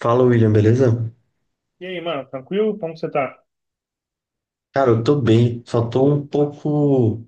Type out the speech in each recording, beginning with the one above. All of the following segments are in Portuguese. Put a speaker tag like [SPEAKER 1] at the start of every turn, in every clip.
[SPEAKER 1] Fala, William, beleza?
[SPEAKER 2] E aí, mano, tranquilo? Como que você tá
[SPEAKER 1] Cara, eu tô bem, só tô um pouco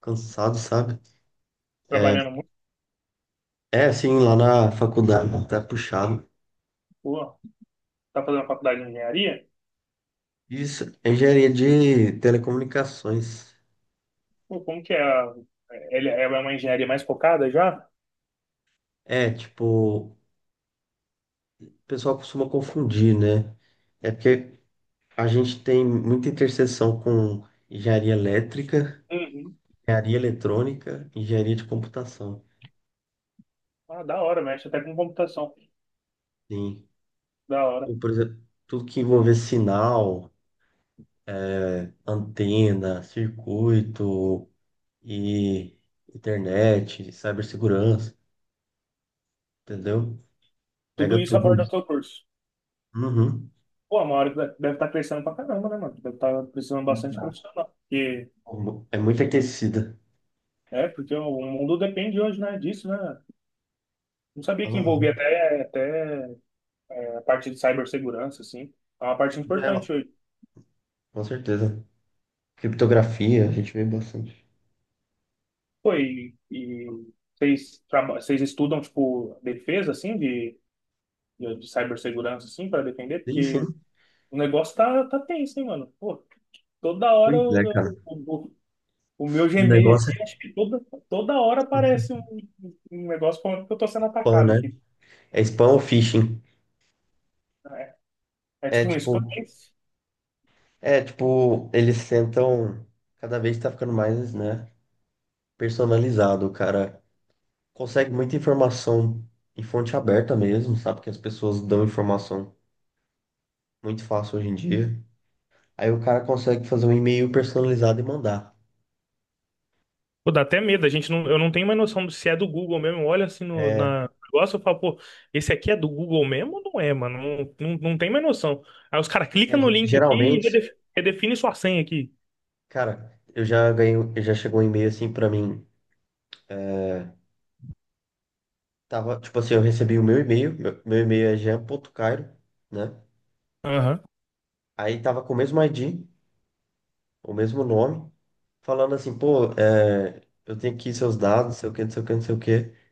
[SPEAKER 1] cansado, sabe? É,
[SPEAKER 2] trabalhando muito?
[SPEAKER 1] é assim, lá na faculdade, tá puxado.
[SPEAKER 2] Pô, tá fazendo faculdade de engenharia?
[SPEAKER 1] Isso, é engenharia de telecomunicações.
[SPEAKER 2] Pô, como que é? Ele é uma engenharia mais focada já?
[SPEAKER 1] É, tipo, o pessoal costuma confundir, né? É porque a gente tem muita interseção com engenharia elétrica,
[SPEAKER 2] Uhum.
[SPEAKER 1] engenharia eletrônica, engenharia de computação.
[SPEAKER 2] Ah, da hora, mexe até com computação.
[SPEAKER 1] Sim.
[SPEAKER 2] Da hora.
[SPEAKER 1] E, por exemplo, tudo que envolver sinal, é, antena, circuito. E internet, cibersegurança, entendeu?
[SPEAKER 2] Tudo
[SPEAKER 1] Pega
[SPEAKER 2] isso
[SPEAKER 1] tudo
[SPEAKER 2] aborda o seu
[SPEAKER 1] isso.
[SPEAKER 2] curso.
[SPEAKER 1] Uhum.
[SPEAKER 2] Pô, a Mauri deve estar crescendo pra caramba, né, mano? Deve estar precisando bastante profissional. Porque,
[SPEAKER 1] É muito aquecida.
[SPEAKER 2] porque o mundo depende hoje, né, disso, né? Não sabia que
[SPEAKER 1] Aham.
[SPEAKER 2] envolvia até a parte de cibersegurança, assim. É uma parte
[SPEAKER 1] E ela,
[SPEAKER 2] importante hoje.
[SPEAKER 1] com certeza. Criptografia, a gente vê bastante.
[SPEAKER 2] Foi, e vocês, vocês estudam, tipo, defesa, assim, de, de cibersegurança, assim, para defender?
[SPEAKER 1] Sim, sim.
[SPEAKER 2] Porque o negócio tá tenso, hein, mano? Pô, toda hora
[SPEAKER 1] Pois é, cara.
[SPEAKER 2] o meu
[SPEAKER 1] O
[SPEAKER 2] Gmail
[SPEAKER 1] negócio
[SPEAKER 2] aqui,
[SPEAKER 1] é
[SPEAKER 2] acho que toda hora aparece um negócio falando que eu tô sendo
[SPEAKER 1] spam,
[SPEAKER 2] atacado
[SPEAKER 1] né?
[SPEAKER 2] aqui.
[SPEAKER 1] É spam ou phishing?
[SPEAKER 2] É, é
[SPEAKER 1] É
[SPEAKER 2] tipo um spam.
[SPEAKER 1] tipo, é tipo, eles tentam, cada vez tá ficando mais, né, personalizado, o cara. Consegue muita informação em fonte aberta mesmo, sabe? Que as pessoas dão informação muito fácil hoje em dia. Aí o cara consegue fazer um e-mail personalizado e mandar.
[SPEAKER 2] Pô, dá até medo, a gente não, eu não tenho mais noção se é do Google mesmo. Olha assim no
[SPEAKER 1] É,
[SPEAKER 2] na no negócio eu falo, pô, esse aqui é do Google mesmo ou não é, mano? Não, não, não tem mais noção. Aí os caras
[SPEAKER 1] é,
[SPEAKER 2] clicam no link aqui e
[SPEAKER 1] geralmente,
[SPEAKER 2] redefine sua senha aqui.
[SPEAKER 1] cara, eu já ganhei, eu já chegou um e-mail assim pra mim. é, Tava, tipo assim, eu recebi o meu e-mail, meu e-mail é jean.cairo, né?
[SPEAKER 2] Aham.
[SPEAKER 1] Aí tava com o mesmo ID, o mesmo nome, falando assim, pô, eu tenho aqui seus dados, não sei o que, não sei o que, não sei o que.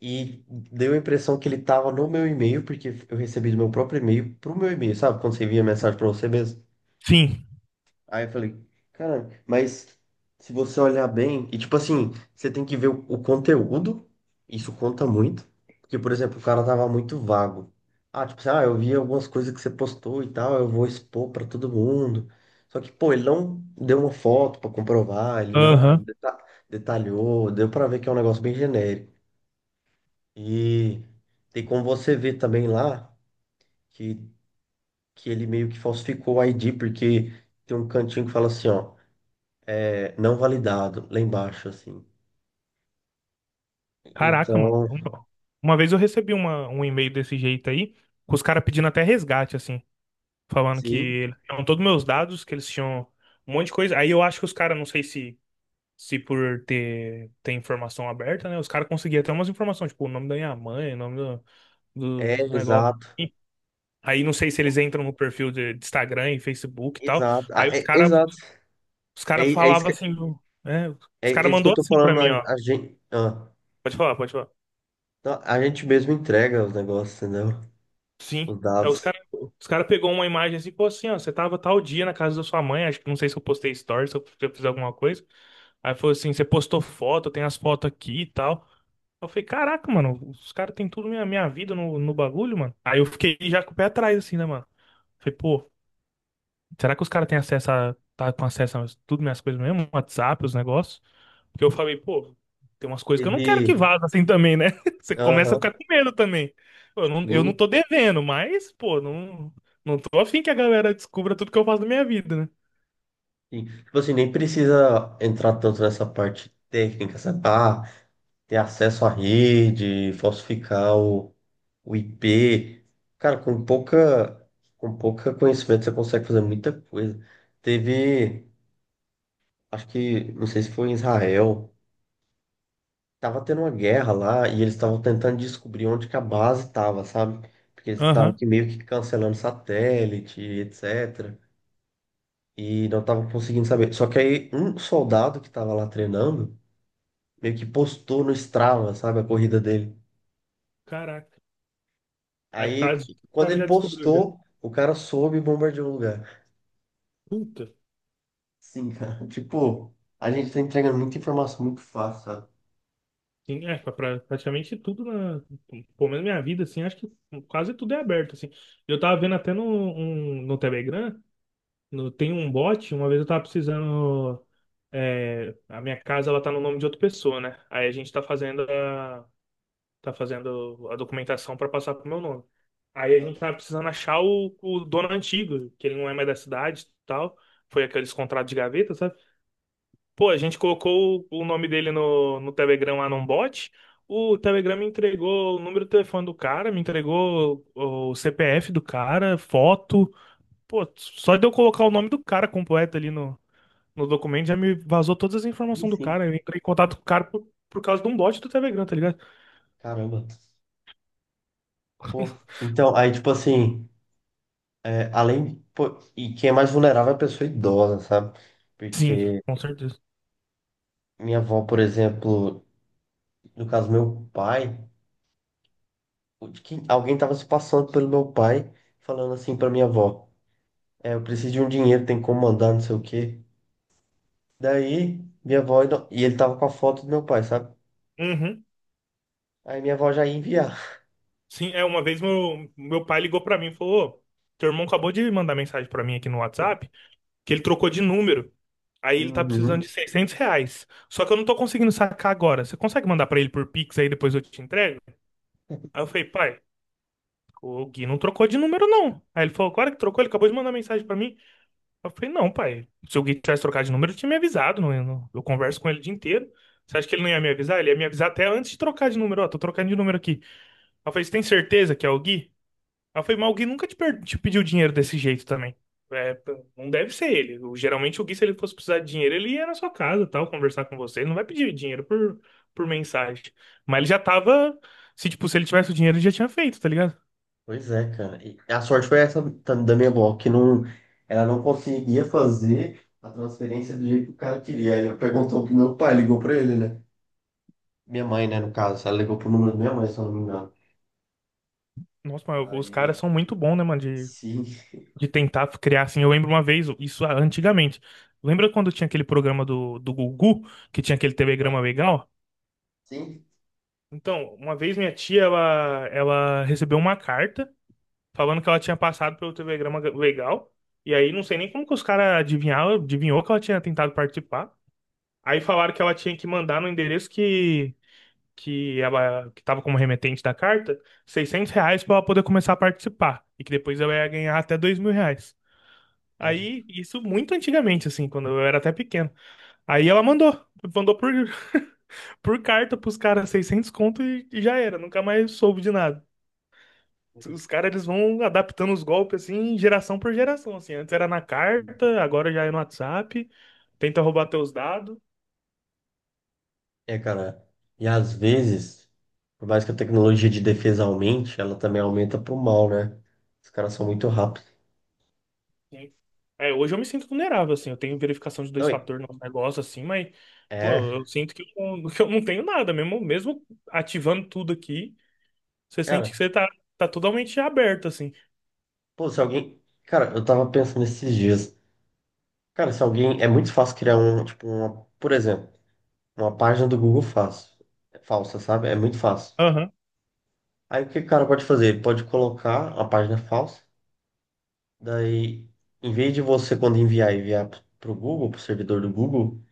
[SPEAKER 1] E deu a impressão que ele tava no meu e-mail, porque eu recebi do meu próprio e-mail pro meu e-mail, sabe? Quando você envia mensagem pra você mesmo.
[SPEAKER 2] Sim.
[SPEAKER 1] Aí eu falei, cara, mas se você olhar bem, e tipo assim, você tem que ver o conteúdo, isso conta muito. Porque, por exemplo, o cara tava muito vago. Ah, tipo assim, ah, eu vi algumas coisas que você postou e tal, eu vou expor pra todo mundo. Só que, pô, ele não deu uma foto pra comprovar, ele não
[SPEAKER 2] Aham.
[SPEAKER 1] detalhou, deu pra ver que é um negócio bem genérico. E tem como você ver também lá que, que ele meio que falsificou o ID, porque tem um cantinho que fala assim, ó, é, não validado, lá embaixo, assim.
[SPEAKER 2] Caraca, mano.
[SPEAKER 1] Então,
[SPEAKER 2] Uma vez eu recebi um e-mail desse jeito aí, com os caras pedindo até resgate, assim, falando que
[SPEAKER 1] sim,
[SPEAKER 2] eles tinham todos meus dados, que eles tinham um monte de coisa. Aí eu acho que os caras, não sei se por ter informação aberta, né? Os caras conseguiam até umas informações, tipo, o nome da minha mãe, o nome
[SPEAKER 1] é
[SPEAKER 2] do negócio.
[SPEAKER 1] exato,
[SPEAKER 2] E aí não sei se eles entram no perfil de Instagram e Facebook e tal.
[SPEAKER 1] exato, ah,
[SPEAKER 2] Aí
[SPEAKER 1] é, exato.
[SPEAKER 2] os
[SPEAKER 1] É,
[SPEAKER 2] cara
[SPEAKER 1] é isso
[SPEAKER 2] falavam
[SPEAKER 1] que,
[SPEAKER 2] assim, né?
[SPEAKER 1] é,
[SPEAKER 2] Os
[SPEAKER 1] é
[SPEAKER 2] cara
[SPEAKER 1] isso que eu
[SPEAKER 2] mandou
[SPEAKER 1] tô
[SPEAKER 2] assim pra
[SPEAKER 1] falando,
[SPEAKER 2] mim, ó.
[SPEAKER 1] a gente, ah,
[SPEAKER 2] Pode falar, pode falar.
[SPEAKER 1] então, a gente mesmo entrega os negócios, entendeu?
[SPEAKER 2] Sim.
[SPEAKER 1] Os
[SPEAKER 2] Aí
[SPEAKER 1] dados.
[SPEAKER 2] os cara pegou uma imagem assim, pô, assim, ó, você tava tal dia na casa da sua mãe, acho que não sei se eu postei stories, se eu fiz alguma coisa. Aí falou assim, você postou foto, tem as fotos aqui e tal. Eu falei, caraca, mano, os caras têm tudo minha vida no bagulho, mano. Aí eu fiquei já com o pé atrás, assim, né, mano? Falei, pô, será que os caras têm tá com acesso a tudo minhas coisas mesmo? WhatsApp, os negócios? Porque eu falei, pô, tem umas coisas que eu não quero
[SPEAKER 1] Teve,
[SPEAKER 2] que vaza assim também, né? Você começa a
[SPEAKER 1] aham,
[SPEAKER 2] ficar com medo também. Pô, eu não
[SPEAKER 1] sim,
[SPEAKER 2] tô devendo, mas, pô, não, não tô afim que a galera descubra tudo que eu faço da minha vida, né?
[SPEAKER 1] sim. Tipo assim, nem precisa entrar tanto nessa parte técnica, sabe? Ah, ter acesso à rede, falsificar o IP. Cara, com pouca conhecimento você consegue fazer muita coisa. Teve, acho que, não sei se foi em Israel, tava tendo uma guerra lá e eles estavam tentando descobrir onde que a base tava, sabe? Porque eles estavam
[SPEAKER 2] Aham.
[SPEAKER 1] que meio que cancelando satélite, etc. E não estavam conseguindo saber. Só que aí um soldado que tava lá treinando meio que postou no Strava, sabe, a corrida dele.
[SPEAKER 2] Caraca. Aí por causa
[SPEAKER 1] Aí,
[SPEAKER 2] disso, o
[SPEAKER 1] quando
[SPEAKER 2] cara
[SPEAKER 1] ele
[SPEAKER 2] já descobriu, já.
[SPEAKER 1] postou, o cara soube e bombardeou o lugar.
[SPEAKER 2] Puta.
[SPEAKER 1] Sim, cara. Tipo, a gente tá entregando muita informação muito fácil, sabe?
[SPEAKER 2] Sim, é, praticamente tudo na, pelo menos minha vida, assim, acho que quase tudo é aberto, assim. Eu tava vendo até no Telegram, tem um bot, uma vez eu tava precisando, a minha casa, ela tá no nome de outra pessoa, né? Aí a gente tá tá fazendo a documentação pra passar pro meu nome. Aí a gente tava precisando achar o dono antigo, que ele não é mais da cidade e tal, foi aqueles contratos de gaveta, sabe? Pô, a gente colocou o nome dele no Telegram lá num bot. O Telegram me entregou o número do telefone do cara, me entregou o CPF do cara, foto. Pô, só de eu colocar o nome do cara completo ali no documento já me vazou todas as
[SPEAKER 1] Sim,
[SPEAKER 2] informações do
[SPEAKER 1] sim.
[SPEAKER 2] cara. Eu entrei em contato com o cara por causa de um bot do Telegram, tá ligado?
[SPEAKER 1] Caramba. Pô. Então, aí, tipo assim, é, além. Pô, e quem é mais vulnerável é a pessoa idosa, sabe?
[SPEAKER 2] Sim,
[SPEAKER 1] Porque
[SPEAKER 2] com certeza.
[SPEAKER 1] minha avó, por exemplo, no caso, meu pai, alguém tava se passando pelo meu pai, falando assim pra minha avó: é, eu preciso de um dinheiro, tem como mandar, não sei o quê. Daí, minha avó. E ele tava com a foto do meu pai, sabe?
[SPEAKER 2] Uhum.
[SPEAKER 1] Aí minha avó já ia enviar.
[SPEAKER 2] Sim, é, uma vez meu pai ligou pra mim e falou: "Ô, teu irmão acabou de mandar mensagem pra mim aqui no WhatsApp, que ele trocou de número. Aí ele tá precisando
[SPEAKER 1] Uhum.
[SPEAKER 2] de R$ 600. Só que eu não tô conseguindo sacar agora. Você consegue mandar pra ele por Pix aí depois eu te entrego?" Aí eu falei, pai, o Gui não trocou de número não. Aí ele falou, claro que trocou, ele acabou de mandar mensagem pra mim. Eu falei, não, pai, se o Gui tivesse trocado de número, eu tinha me avisado. Não, eu, eu converso com ele o dia inteiro. Você acha que ele não ia me avisar? Ele ia me avisar até antes de trocar de número. Ó, tô trocando de número aqui. Aí eu falei, você tem certeza que é o Gui? Ela foi, mas alguém nunca te pediu dinheiro desse jeito também. É, não deve ser ele. Geralmente o Gui, se ele fosse precisar de dinheiro, ele ia na sua casa, tal, conversar com você. Ele não vai pedir dinheiro por mensagem. Mas ele já tava. Se ele tivesse o dinheiro, ele já tinha feito, tá ligado?
[SPEAKER 1] Pois é, cara. E a sorte foi essa da minha avó, que não, ela não conseguia fazer a transferência do jeito que o cara queria. Aí eu perguntou pro meu pai, ligou pra ele, né? Minha mãe, né, no caso. Ela ligou pro número da minha mãe, se eu não me engano.
[SPEAKER 2] Nossa, mas os caras
[SPEAKER 1] Aí,
[SPEAKER 2] são muito bons, né, mano?
[SPEAKER 1] sim,
[SPEAKER 2] De tentar criar assim. Eu lembro uma vez, isso antigamente. Lembra quando tinha aquele programa do Gugu, que tinha aquele telegrama legal?
[SPEAKER 1] sim.
[SPEAKER 2] Então, uma vez minha tia, ela recebeu uma carta. Falando que ela tinha passado pelo telegrama legal. E aí não sei nem como que os caras adivinharam, adivinhou que ela tinha tentado participar. Aí falaram que ela tinha que mandar no endereço que ela que estava como remetente da carta, R$ 600 para ela poder começar a participar e que depois ela ia ganhar até R$ 2.000.
[SPEAKER 1] Cara.
[SPEAKER 2] Aí isso muito antigamente assim, quando eu era até pequeno. Aí ela mandou por carta pros caras 600 conto e já era, nunca mais soube de nada. Os caras, eles vão adaptando os golpes, assim, geração por geração, assim. Antes era na carta, agora já é no WhatsApp. Tenta roubar teus dados.
[SPEAKER 1] É, cara. E às vezes, por mais que a tecnologia de defesa aumente, ela também aumenta pro mal, né? Os caras são muito rápidos.
[SPEAKER 2] Sim. É, hoje eu me sinto vulnerável, assim. Eu tenho verificação de
[SPEAKER 1] Não,
[SPEAKER 2] dois fatores no negócio, assim, mas, pô,
[SPEAKER 1] é,
[SPEAKER 2] eu sinto que eu, não- que eu não tenho nada. Mesmo, mesmo ativando tudo aqui, você sente que
[SPEAKER 1] cara.
[SPEAKER 2] você tá totalmente aberto, assim.
[SPEAKER 1] Pô, se alguém. Cara, eu tava pensando esses dias. Cara, se alguém. É muito fácil criar um, tipo, uma, por exemplo, uma página do Google fácil, falsa, sabe? É muito fácil.
[SPEAKER 2] Aham.
[SPEAKER 1] Aí o que o cara pode fazer? Ele pode colocar a página falsa, daí, em vez de você, quando enviar pro Google, pro servidor do Google,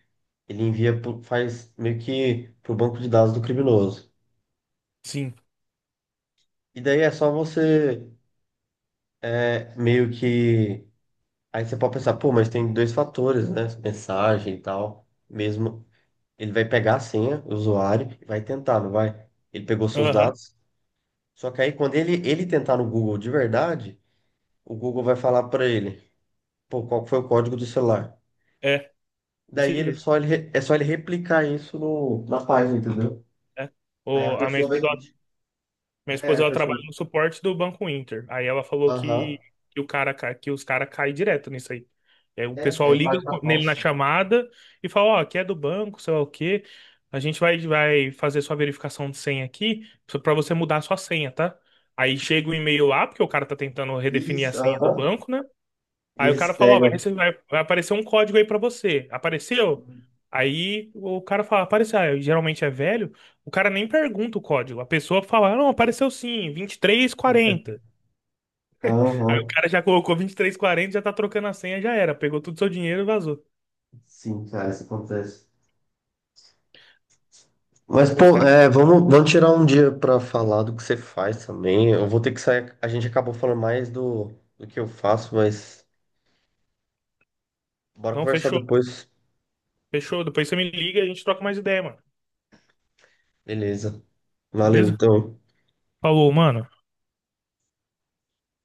[SPEAKER 1] ele envia, faz meio que pro banco de dados do criminoso.
[SPEAKER 2] Sim.
[SPEAKER 1] E daí é só você, é, meio que. Aí você pode pensar, pô, mas tem dois fatores, né? Mensagem e tal, mesmo. Ele vai pegar a senha, o usuário, e vai tentar, não vai? Ele pegou seus
[SPEAKER 2] Aham.
[SPEAKER 1] dados. Só que aí, quando ele tentar no Google de verdade, o Google vai falar para ele, pô, qual foi o código do celular?
[SPEAKER 2] É, desse
[SPEAKER 1] Daí ele
[SPEAKER 2] jeito.
[SPEAKER 1] só ele, re- é só ele replicar isso no, na página, entendeu?
[SPEAKER 2] É.
[SPEAKER 1] Aí a
[SPEAKER 2] O, a minha
[SPEAKER 1] pessoa vai.
[SPEAKER 2] esposa Minha
[SPEAKER 1] É,
[SPEAKER 2] esposa,
[SPEAKER 1] a
[SPEAKER 2] ela
[SPEAKER 1] pessoa.
[SPEAKER 2] trabalha no suporte do Banco Inter. Aí ela falou
[SPEAKER 1] Aham.
[SPEAKER 2] que o cara, que os caras caem direto nisso aí. É, o pessoal
[SPEAKER 1] É, é
[SPEAKER 2] liga
[SPEAKER 1] página
[SPEAKER 2] nele na
[SPEAKER 1] falsa.
[SPEAKER 2] chamada e fala, ó, aqui é do banco, sei lá o quê. A gente vai fazer sua verificação de senha aqui só pra você mudar a sua senha, tá? Aí chega o e-mail lá, porque o cara tá tentando redefinir a
[SPEAKER 1] Isso,
[SPEAKER 2] senha do
[SPEAKER 1] aham.
[SPEAKER 2] banco, né?
[SPEAKER 1] E
[SPEAKER 2] Aí o
[SPEAKER 1] eles
[SPEAKER 2] cara fala, ó,
[SPEAKER 1] pegam.
[SPEAKER 2] vai aparecer um código aí pra você. Apareceu? Aí o cara fala, apareceu. Aí, geralmente é velho, o cara nem pergunta o código. A pessoa fala, "Ah, não, apareceu sim, 2340." Aí o
[SPEAKER 1] Aham.
[SPEAKER 2] cara já colocou 23 e 40, já tá trocando a senha, já era. Pegou todo o seu dinheiro e vazou.
[SPEAKER 1] Sim, cara, isso acontece. Mas,
[SPEAKER 2] Os
[SPEAKER 1] pô,
[SPEAKER 2] caras,
[SPEAKER 1] é, vamos, vamos tirar um dia pra falar do que você faz também. Eu vou ter que sair. A gente acabou falando mais do, do que eu faço, mas bora
[SPEAKER 2] não,
[SPEAKER 1] conversar
[SPEAKER 2] fechou,
[SPEAKER 1] depois.
[SPEAKER 2] fechou. Depois você me liga e a gente troca mais ideia, mano.
[SPEAKER 1] Beleza. Valeu,
[SPEAKER 2] Beleza?
[SPEAKER 1] então.
[SPEAKER 2] Falou, mano.